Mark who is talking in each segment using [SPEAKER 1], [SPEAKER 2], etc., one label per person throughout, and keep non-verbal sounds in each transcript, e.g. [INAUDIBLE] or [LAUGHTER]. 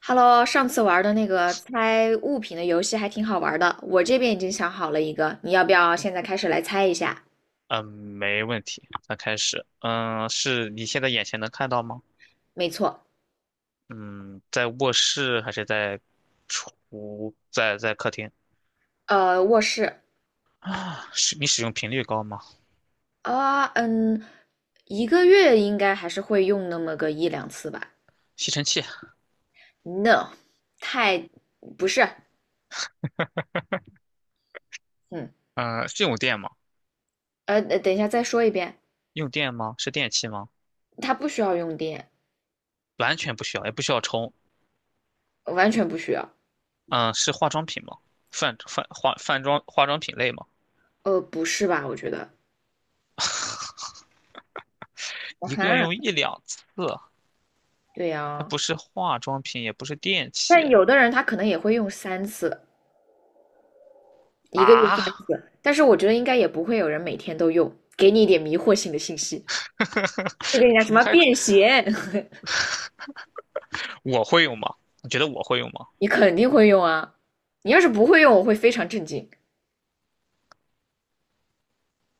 [SPEAKER 1] Hello，上次玩的那个猜物品的游戏还挺好玩的，我这边已经想好了一个，你要不要现在开始来猜一下？
[SPEAKER 2] 嗯，没问题，那开始。嗯，是你现在眼前能看到吗？
[SPEAKER 1] 没错。
[SPEAKER 2] 嗯，在卧室还是在在客厅？
[SPEAKER 1] 卧室。
[SPEAKER 2] 啊，使你使用频率高吗？
[SPEAKER 1] 啊，嗯，一个月应该还是会用那么个一两次吧
[SPEAKER 2] 吸尘器，
[SPEAKER 1] ？No，太，不是。嗯，
[SPEAKER 2] 嗯，是用电吗？
[SPEAKER 1] 等一下再说一遍。
[SPEAKER 2] 用电吗？是电器吗？
[SPEAKER 1] 它不需要用电，
[SPEAKER 2] 完全不需要，也不需要充。
[SPEAKER 1] 完全不需要。
[SPEAKER 2] 嗯，是化妆品吗？泛泛化泛妆化妆品类吗？
[SPEAKER 1] 不是吧？我觉得。啊
[SPEAKER 2] 一个月
[SPEAKER 1] 哈。
[SPEAKER 2] 用一两次，
[SPEAKER 1] 对
[SPEAKER 2] 还
[SPEAKER 1] 呀，
[SPEAKER 2] 不是化妆品，也不是电
[SPEAKER 1] 但
[SPEAKER 2] 器
[SPEAKER 1] 有的人他可能也会用三次，一个月三
[SPEAKER 2] 啊？
[SPEAKER 1] 次，但是我觉得应该也不会有人每天都用。给你一点迷惑性的信息，就跟你
[SPEAKER 2] [LAUGHS]
[SPEAKER 1] 讲什
[SPEAKER 2] 怎么
[SPEAKER 1] 么
[SPEAKER 2] 还
[SPEAKER 1] 便携，[LAUGHS]
[SPEAKER 2] 我会用吗？你觉得我会用吗？
[SPEAKER 1] 你肯定会用啊。你要是不会用，我会非常震惊。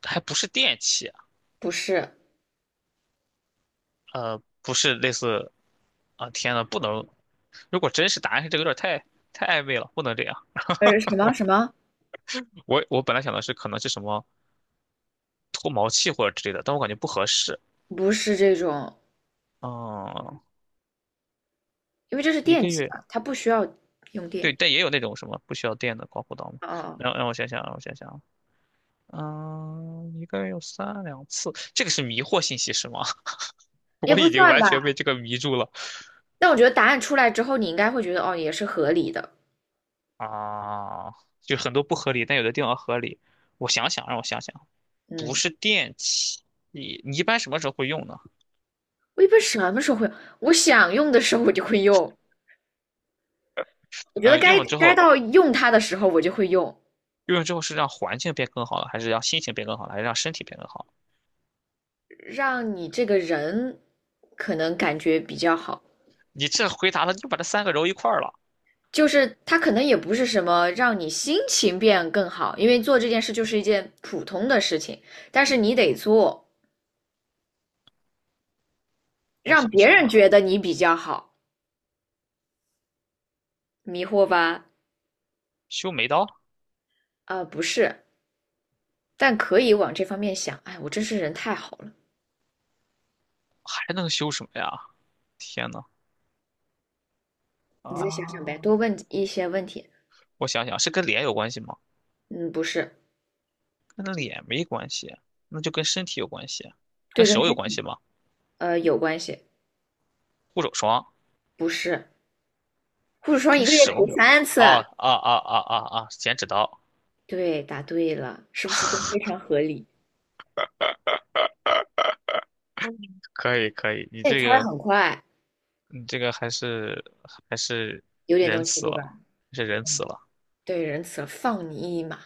[SPEAKER 2] 还不是电器，
[SPEAKER 1] 不是。
[SPEAKER 2] 呃，不是类似，啊，天呐，不能，如果真是答案是这个，有点太太暧昧了，不能这样。
[SPEAKER 1] 什么什么。
[SPEAKER 2] 我本来想的是可能是什么脱毛器或者之类的，但我感觉不合适。
[SPEAKER 1] 不是这种，
[SPEAKER 2] 嗯，
[SPEAKER 1] 因为这是
[SPEAKER 2] 一
[SPEAKER 1] 电
[SPEAKER 2] 个
[SPEAKER 1] 器
[SPEAKER 2] 月，
[SPEAKER 1] 嘛，它不需要用
[SPEAKER 2] 对，
[SPEAKER 1] 电。
[SPEAKER 2] 但也有那种什么不需要电的刮胡刀嘛。
[SPEAKER 1] 哦。
[SPEAKER 2] 让我想想，让我想想，嗯，一个月有三两次，这个是迷惑信息是吗？[LAUGHS]
[SPEAKER 1] 也
[SPEAKER 2] 我
[SPEAKER 1] 不
[SPEAKER 2] 已经
[SPEAKER 1] 算
[SPEAKER 2] 完全被
[SPEAKER 1] 吧。
[SPEAKER 2] 这个迷住了
[SPEAKER 1] 但我觉得答案出来之后，你应该会觉得哦，也是合理的。
[SPEAKER 2] 啊，就很多不合理，但有的地方合理。我想想，让我想想。不
[SPEAKER 1] 嗯。
[SPEAKER 2] 是电器，你一般什么时候会用呢？
[SPEAKER 1] 我一般什么时候会用？我想用的时候我就会用，我觉得
[SPEAKER 2] 呃，用
[SPEAKER 1] 该
[SPEAKER 2] 了之
[SPEAKER 1] 该
[SPEAKER 2] 后，
[SPEAKER 1] 到用它的时候我就会用。
[SPEAKER 2] 用了之后是让环境变更好了，还是让心情变更好了，还是让身体变更好了
[SPEAKER 1] 让你这个人可能感觉比较好。
[SPEAKER 2] 你这回答了，你就把这三个揉一块儿了。
[SPEAKER 1] 就是它可能也不是什么让你心情变更好，因为做这件事就是一件普通的事情，但是你得做，
[SPEAKER 2] 我
[SPEAKER 1] 让
[SPEAKER 2] 想
[SPEAKER 1] 别
[SPEAKER 2] 想
[SPEAKER 1] 人
[SPEAKER 2] 哈，
[SPEAKER 1] 觉得你比较好。迷惑吧？
[SPEAKER 2] 修眉刀
[SPEAKER 1] 不是，但可以往这方面想。哎，我真是人太好了。
[SPEAKER 2] 还能修什么呀？天呐，
[SPEAKER 1] 你再想想呗，
[SPEAKER 2] 啊，
[SPEAKER 1] 多问一些问题。
[SPEAKER 2] 我想想，是跟脸有关系吗？
[SPEAKER 1] 嗯，不是。
[SPEAKER 2] 跟脸没关系，那就跟身体有关系，跟
[SPEAKER 1] 对，跟
[SPEAKER 2] 手有关
[SPEAKER 1] 黑，
[SPEAKER 2] 系吗？
[SPEAKER 1] 有关系。
[SPEAKER 2] 护手霜
[SPEAKER 1] 不是，护手霜
[SPEAKER 2] 跟
[SPEAKER 1] 一个月涂
[SPEAKER 2] 手有关。
[SPEAKER 1] 三次啊。
[SPEAKER 2] 哦，啊啊啊啊啊！剪纸刀，
[SPEAKER 1] 对，答对了，是不是都非常合理？
[SPEAKER 2] 可以可以，你
[SPEAKER 1] 那你
[SPEAKER 2] 这
[SPEAKER 1] 猜的
[SPEAKER 2] 个
[SPEAKER 1] 很快，
[SPEAKER 2] 你这个还是还是
[SPEAKER 1] 有点
[SPEAKER 2] 仁
[SPEAKER 1] 东西
[SPEAKER 2] 慈
[SPEAKER 1] 对吧？
[SPEAKER 2] 了，还是仁慈了。
[SPEAKER 1] 对，仁慈了，放你一马，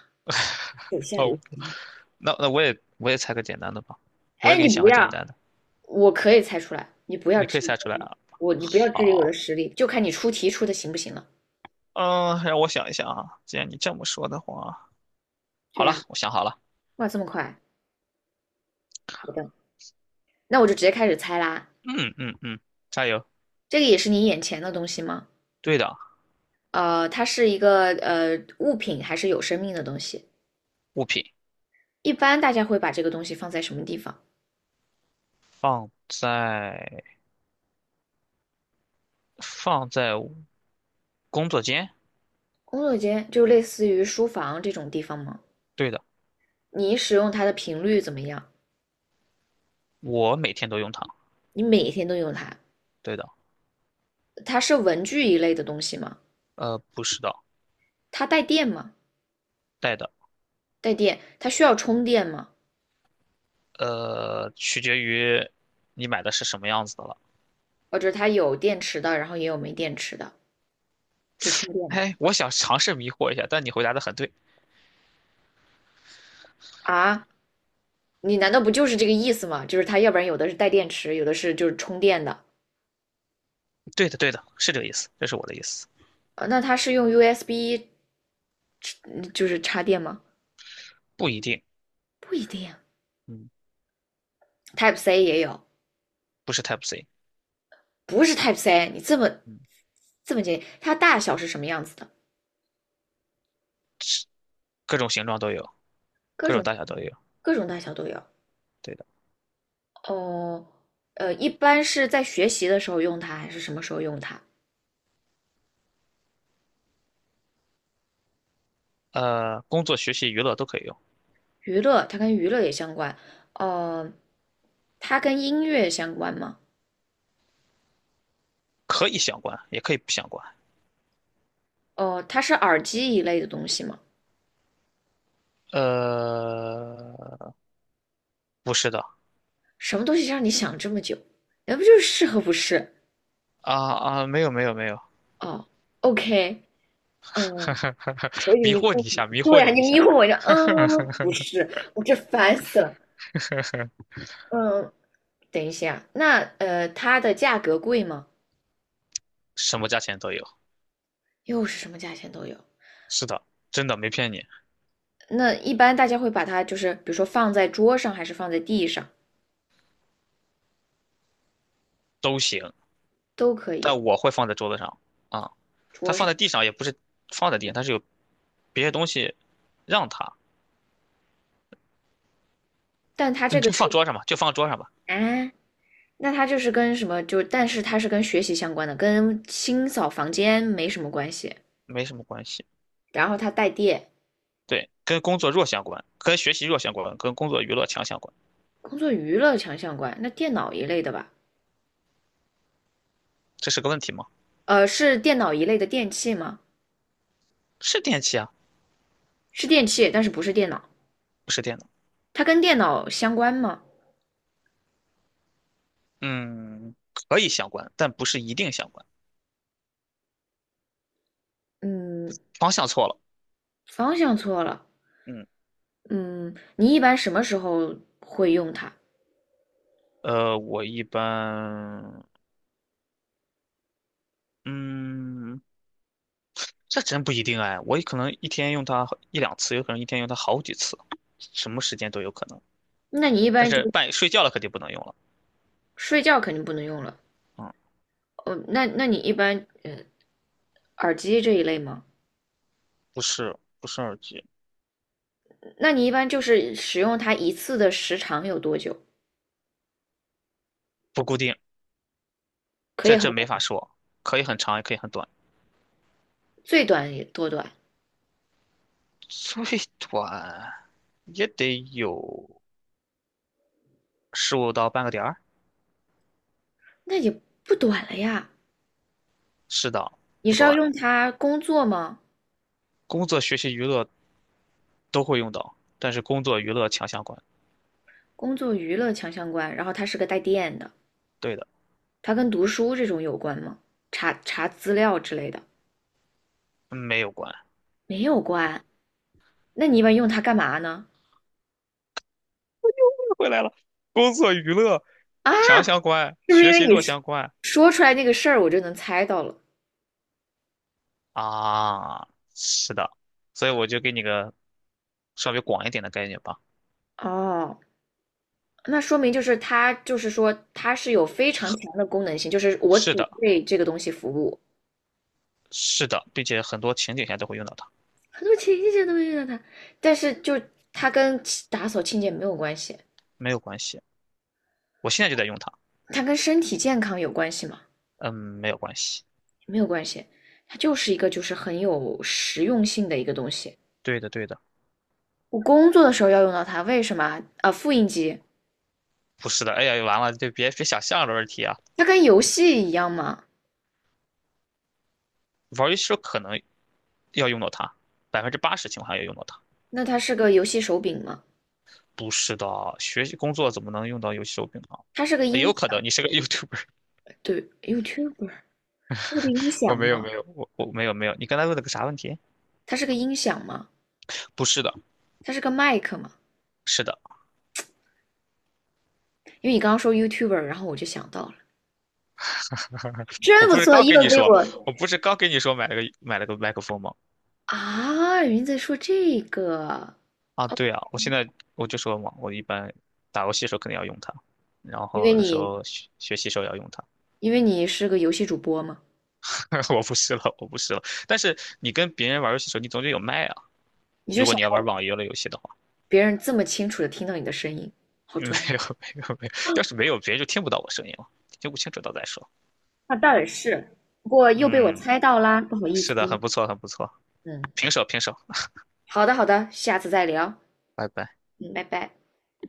[SPEAKER 1] 手下留
[SPEAKER 2] 哦，
[SPEAKER 1] 情嘛。
[SPEAKER 2] 那那我也猜个简单的吧，我也
[SPEAKER 1] 哎，
[SPEAKER 2] 给
[SPEAKER 1] 你
[SPEAKER 2] 你想
[SPEAKER 1] 不
[SPEAKER 2] 个简
[SPEAKER 1] 要。
[SPEAKER 2] 单的，
[SPEAKER 1] 我可以猜出来，
[SPEAKER 2] 你可以猜出来啊。
[SPEAKER 1] 你不要质疑我的
[SPEAKER 2] 好，
[SPEAKER 1] 实力，就看你出题出的行不行了。
[SPEAKER 2] 嗯，让我想一想啊。既然你这么说的话，好
[SPEAKER 1] 对
[SPEAKER 2] 了，
[SPEAKER 1] 呀。
[SPEAKER 2] 我想好了。
[SPEAKER 1] 哇，这么快。好的，那我就直接开始猜啦。
[SPEAKER 2] 嗯嗯嗯，加油。
[SPEAKER 1] 这个也是你眼前的东西吗？
[SPEAKER 2] 对的，
[SPEAKER 1] 它是一个物品还是有生命的东西？
[SPEAKER 2] 物品
[SPEAKER 1] 一般大家会把这个东西放在什么地方？
[SPEAKER 2] 放在放在工作间。
[SPEAKER 1] 工作间，就类似于书房这种地方吗？
[SPEAKER 2] 对的，
[SPEAKER 1] 你使用它的频率怎么样？
[SPEAKER 2] 我每天都用它。
[SPEAKER 1] 你每天都用它。
[SPEAKER 2] 对的，
[SPEAKER 1] 它是文具一类的东西吗？
[SPEAKER 2] 呃，不是的，
[SPEAKER 1] 它带电吗？
[SPEAKER 2] 带的，
[SPEAKER 1] 带电，它需要充电吗？
[SPEAKER 2] 呃，取决于你买的是什么样子的了。
[SPEAKER 1] 哦，就是它有电池的，然后也有没电池的，就充电的。
[SPEAKER 2] 哎，我想尝试迷惑一下，但你回答的很对，
[SPEAKER 1] 啊？你难道不就是这个意思吗？就是它要不然有的是带电池，有的是就是充电的。
[SPEAKER 2] 对的，对的，是这个意思，这是我的意思，
[SPEAKER 1] 那它是用 USB 嗯就是插电吗？
[SPEAKER 2] 不一定，
[SPEAKER 1] 不一定
[SPEAKER 2] 嗯，
[SPEAKER 1] ，Type C 也有。
[SPEAKER 2] 不是 Type C，
[SPEAKER 1] 不是 Type C，你这么
[SPEAKER 2] 嗯，
[SPEAKER 1] 这么简单，它大小是什么样子的？
[SPEAKER 2] 各种形状都有，各种大小都有，
[SPEAKER 1] 各种大小都有。
[SPEAKER 2] 对的，
[SPEAKER 1] 哦。一般是在学习的时候用它，还是什么时候用它？
[SPEAKER 2] 工作、学习、娱乐都可以用，
[SPEAKER 1] 娱乐，它跟娱乐也相关。呃，它跟音乐相关吗？
[SPEAKER 2] 可以相关，也可以不相关，
[SPEAKER 1] 哦、它是耳机一类的东西吗？
[SPEAKER 2] 呃，不是的，
[SPEAKER 1] 什么东西让你想这么久？那不就是适合不是？
[SPEAKER 2] 啊啊，没有没有没有，
[SPEAKER 1] 哦，OK。嗯。我
[SPEAKER 2] [LAUGHS]
[SPEAKER 1] 以为
[SPEAKER 2] 迷
[SPEAKER 1] 你
[SPEAKER 2] 惑你
[SPEAKER 1] 故
[SPEAKER 2] 一
[SPEAKER 1] 意，
[SPEAKER 2] 下，迷惑
[SPEAKER 1] 对啊，
[SPEAKER 2] 你
[SPEAKER 1] 你
[SPEAKER 2] 一
[SPEAKER 1] 迷
[SPEAKER 2] 下，
[SPEAKER 1] 糊我一下。嗯，不是，我这烦死了。嗯，等一下。那它的价格贵吗？
[SPEAKER 2] 什么价钱都有，
[SPEAKER 1] 又是什么价钱都有。
[SPEAKER 2] 是的，真的没骗你，
[SPEAKER 1] 那一般大家会把它就是，比如说放在桌上，还是放在地上，
[SPEAKER 2] 都行，
[SPEAKER 1] 都可以。
[SPEAKER 2] 但我会放在桌子上啊。它放在地上也不是放在地上，它是有别的东西让它，
[SPEAKER 1] 但它这
[SPEAKER 2] 你
[SPEAKER 1] 个
[SPEAKER 2] 就
[SPEAKER 1] 是
[SPEAKER 2] 放桌上吧，就放桌上吧，
[SPEAKER 1] 啊。那它就是跟什么就，但是它是跟学习相关的，跟清扫房间没什么关系。
[SPEAKER 2] 没什么关系。
[SPEAKER 1] 然后它带电，
[SPEAKER 2] 对，跟工作弱相关，跟学习弱相关，跟工作娱乐强相关，
[SPEAKER 1] 工作娱乐强相关。那电脑一类的吧。
[SPEAKER 2] 这是个问题吗？
[SPEAKER 1] 是电脑一类的电器吗？
[SPEAKER 2] 是电器啊，
[SPEAKER 1] 是电器，但是不是电脑。
[SPEAKER 2] 不是电脑。
[SPEAKER 1] 它跟电脑相关吗？
[SPEAKER 2] 嗯，可以相关，但不是一定相关。
[SPEAKER 1] 嗯。
[SPEAKER 2] 方向错了。
[SPEAKER 1] 方向错了。
[SPEAKER 2] 嗯，
[SPEAKER 1] 嗯，你一般什么时候会用它？
[SPEAKER 2] 呃，我一般，嗯，这真不一定哎，我可能一天用它一两次，有可能一天用它好几次，什么时间都有可能。
[SPEAKER 1] 那你一
[SPEAKER 2] 但
[SPEAKER 1] 般就
[SPEAKER 2] 是半夜睡觉了肯定不能用了。
[SPEAKER 1] 睡觉肯定不能用了。
[SPEAKER 2] 嗯，
[SPEAKER 1] 哦。那你一般耳机这一类吗？
[SPEAKER 2] 不是耳机，
[SPEAKER 1] 那你一般就是使用它一次的时长有多久？
[SPEAKER 2] 不固定，
[SPEAKER 1] 可以
[SPEAKER 2] 这
[SPEAKER 1] 很
[SPEAKER 2] 这
[SPEAKER 1] 短。
[SPEAKER 2] 没法说，可以很长也可以很短，
[SPEAKER 1] 最短也多短？
[SPEAKER 2] 最短也得有15到半个点儿，
[SPEAKER 1] 那也不短了呀。
[SPEAKER 2] 是的，
[SPEAKER 1] 你
[SPEAKER 2] 不
[SPEAKER 1] 是要
[SPEAKER 2] 短。
[SPEAKER 1] 用它工作吗？
[SPEAKER 2] 工作、学习、娱乐都会用到，但是工作娱乐强相关。
[SPEAKER 1] 工作娱乐强相关，然后它是个带电的。
[SPEAKER 2] 对的，
[SPEAKER 1] 它跟读书这种有关吗？查查资料之类的
[SPEAKER 2] 没有关。
[SPEAKER 1] 没有关。那你一般用它干嘛呢？
[SPEAKER 2] [LAUGHS] 回来了，工作娱乐
[SPEAKER 1] 啊，
[SPEAKER 2] 强相关，
[SPEAKER 1] 是不是因
[SPEAKER 2] 学
[SPEAKER 1] 为
[SPEAKER 2] 习
[SPEAKER 1] 你
[SPEAKER 2] 弱
[SPEAKER 1] 说
[SPEAKER 2] 相关
[SPEAKER 1] 说出来那个事儿，我就能猜到了？
[SPEAKER 2] 啊，是的，所以我就给你个稍微广一点的概念吧。
[SPEAKER 1] 哦。那说明就是它，就是说它是有非常强
[SPEAKER 2] 是
[SPEAKER 1] 的功能性，就是我只
[SPEAKER 2] 是的，
[SPEAKER 1] 为这个东西服务。
[SPEAKER 2] 是的，并且很多情景下都会用到它，
[SPEAKER 1] 很多情节都会遇到它，但是就它跟打扫清洁没有关系。
[SPEAKER 2] 没有关系。我现在就在用它，
[SPEAKER 1] 它跟身体健康有关系吗？
[SPEAKER 2] 嗯，没有关系。
[SPEAKER 1] 没有关系。它就是一个就是很有实用性的一个东西。
[SPEAKER 2] 对的，对的，
[SPEAKER 1] 我工作的时候要用到它，为什么啊？啊，复印机。
[SPEAKER 2] 不是的。哎呀，完了，就别想象的问题啊。
[SPEAKER 1] 它跟游戏一样吗？
[SPEAKER 2] 玩游戏时候可能要用到它，80%情况下要用到它。
[SPEAKER 1] 那它是个游戏手柄吗？
[SPEAKER 2] 不是的，学习工作怎么能用到游戏手柄呢？
[SPEAKER 1] 它是个
[SPEAKER 2] 也有
[SPEAKER 1] 音
[SPEAKER 2] 可能
[SPEAKER 1] 响。
[SPEAKER 2] 你是个 YouTuber，
[SPEAKER 1] 对，YouTuber。它是个音
[SPEAKER 2] [LAUGHS]
[SPEAKER 1] 响吗？
[SPEAKER 2] 我我没有没有。你刚才问了个啥问题？
[SPEAKER 1] 它是个音响吗？
[SPEAKER 2] 不是的，
[SPEAKER 1] 它是个麦克吗？
[SPEAKER 2] 是的，
[SPEAKER 1] 因为你刚刚说 YouTuber，然后我就想到了。
[SPEAKER 2] 我
[SPEAKER 1] 真不
[SPEAKER 2] 不是
[SPEAKER 1] 错，
[SPEAKER 2] 刚跟
[SPEAKER 1] 又
[SPEAKER 2] 你
[SPEAKER 1] 给
[SPEAKER 2] 说，
[SPEAKER 1] 我
[SPEAKER 2] 我不是刚跟你说买了个麦克风吗？
[SPEAKER 1] 啊，云在说这个。
[SPEAKER 2] 啊，对啊，我现在我就说嘛，我一般打游戏的时候肯定要用它，然
[SPEAKER 1] 因
[SPEAKER 2] 后
[SPEAKER 1] 为
[SPEAKER 2] 有的时
[SPEAKER 1] 你
[SPEAKER 2] 候学习时候也要用它。
[SPEAKER 1] 因为你是个游戏主播嘛，
[SPEAKER 2] [LAUGHS] 我不试了，我不试了。但是你跟别人玩游戏的时候，你总得有麦啊。
[SPEAKER 1] 你就
[SPEAKER 2] 如果
[SPEAKER 1] 想
[SPEAKER 2] 你要玩
[SPEAKER 1] 让
[SPEAKER 2] 网游类游戏的话，
[SPEAKER 1] 别人这么清楚的听到你的声音，
[SPEAKER 2] [LAUGHS]
[SPEAKER 1] 好
[SPEAKER 2] 没
[SPEAKER 1] 专业。
[SPEAKER 2] 有没有没有，要是没有，别人就听不到我声音了，听不清楚到再说。
[SPEAKER 1] 那倒也是，不过又被我
[SPEAKER 2] 嗯，
[SPEAKER 1] 猜到啦，不好意
[SPEAKER 2] 是的，
[SPEAKER 1] 思。
[SPEAKER 2] 很不错，很不错，
[SPEAKER 1] 嗯。
[SPEAKER 2] 平手平手，
[SPEAKER 1] 好的好的，下次再聊。
[SPEAKER 2] 拜拜。
[SPEAKER 1] 嗯，拜拜。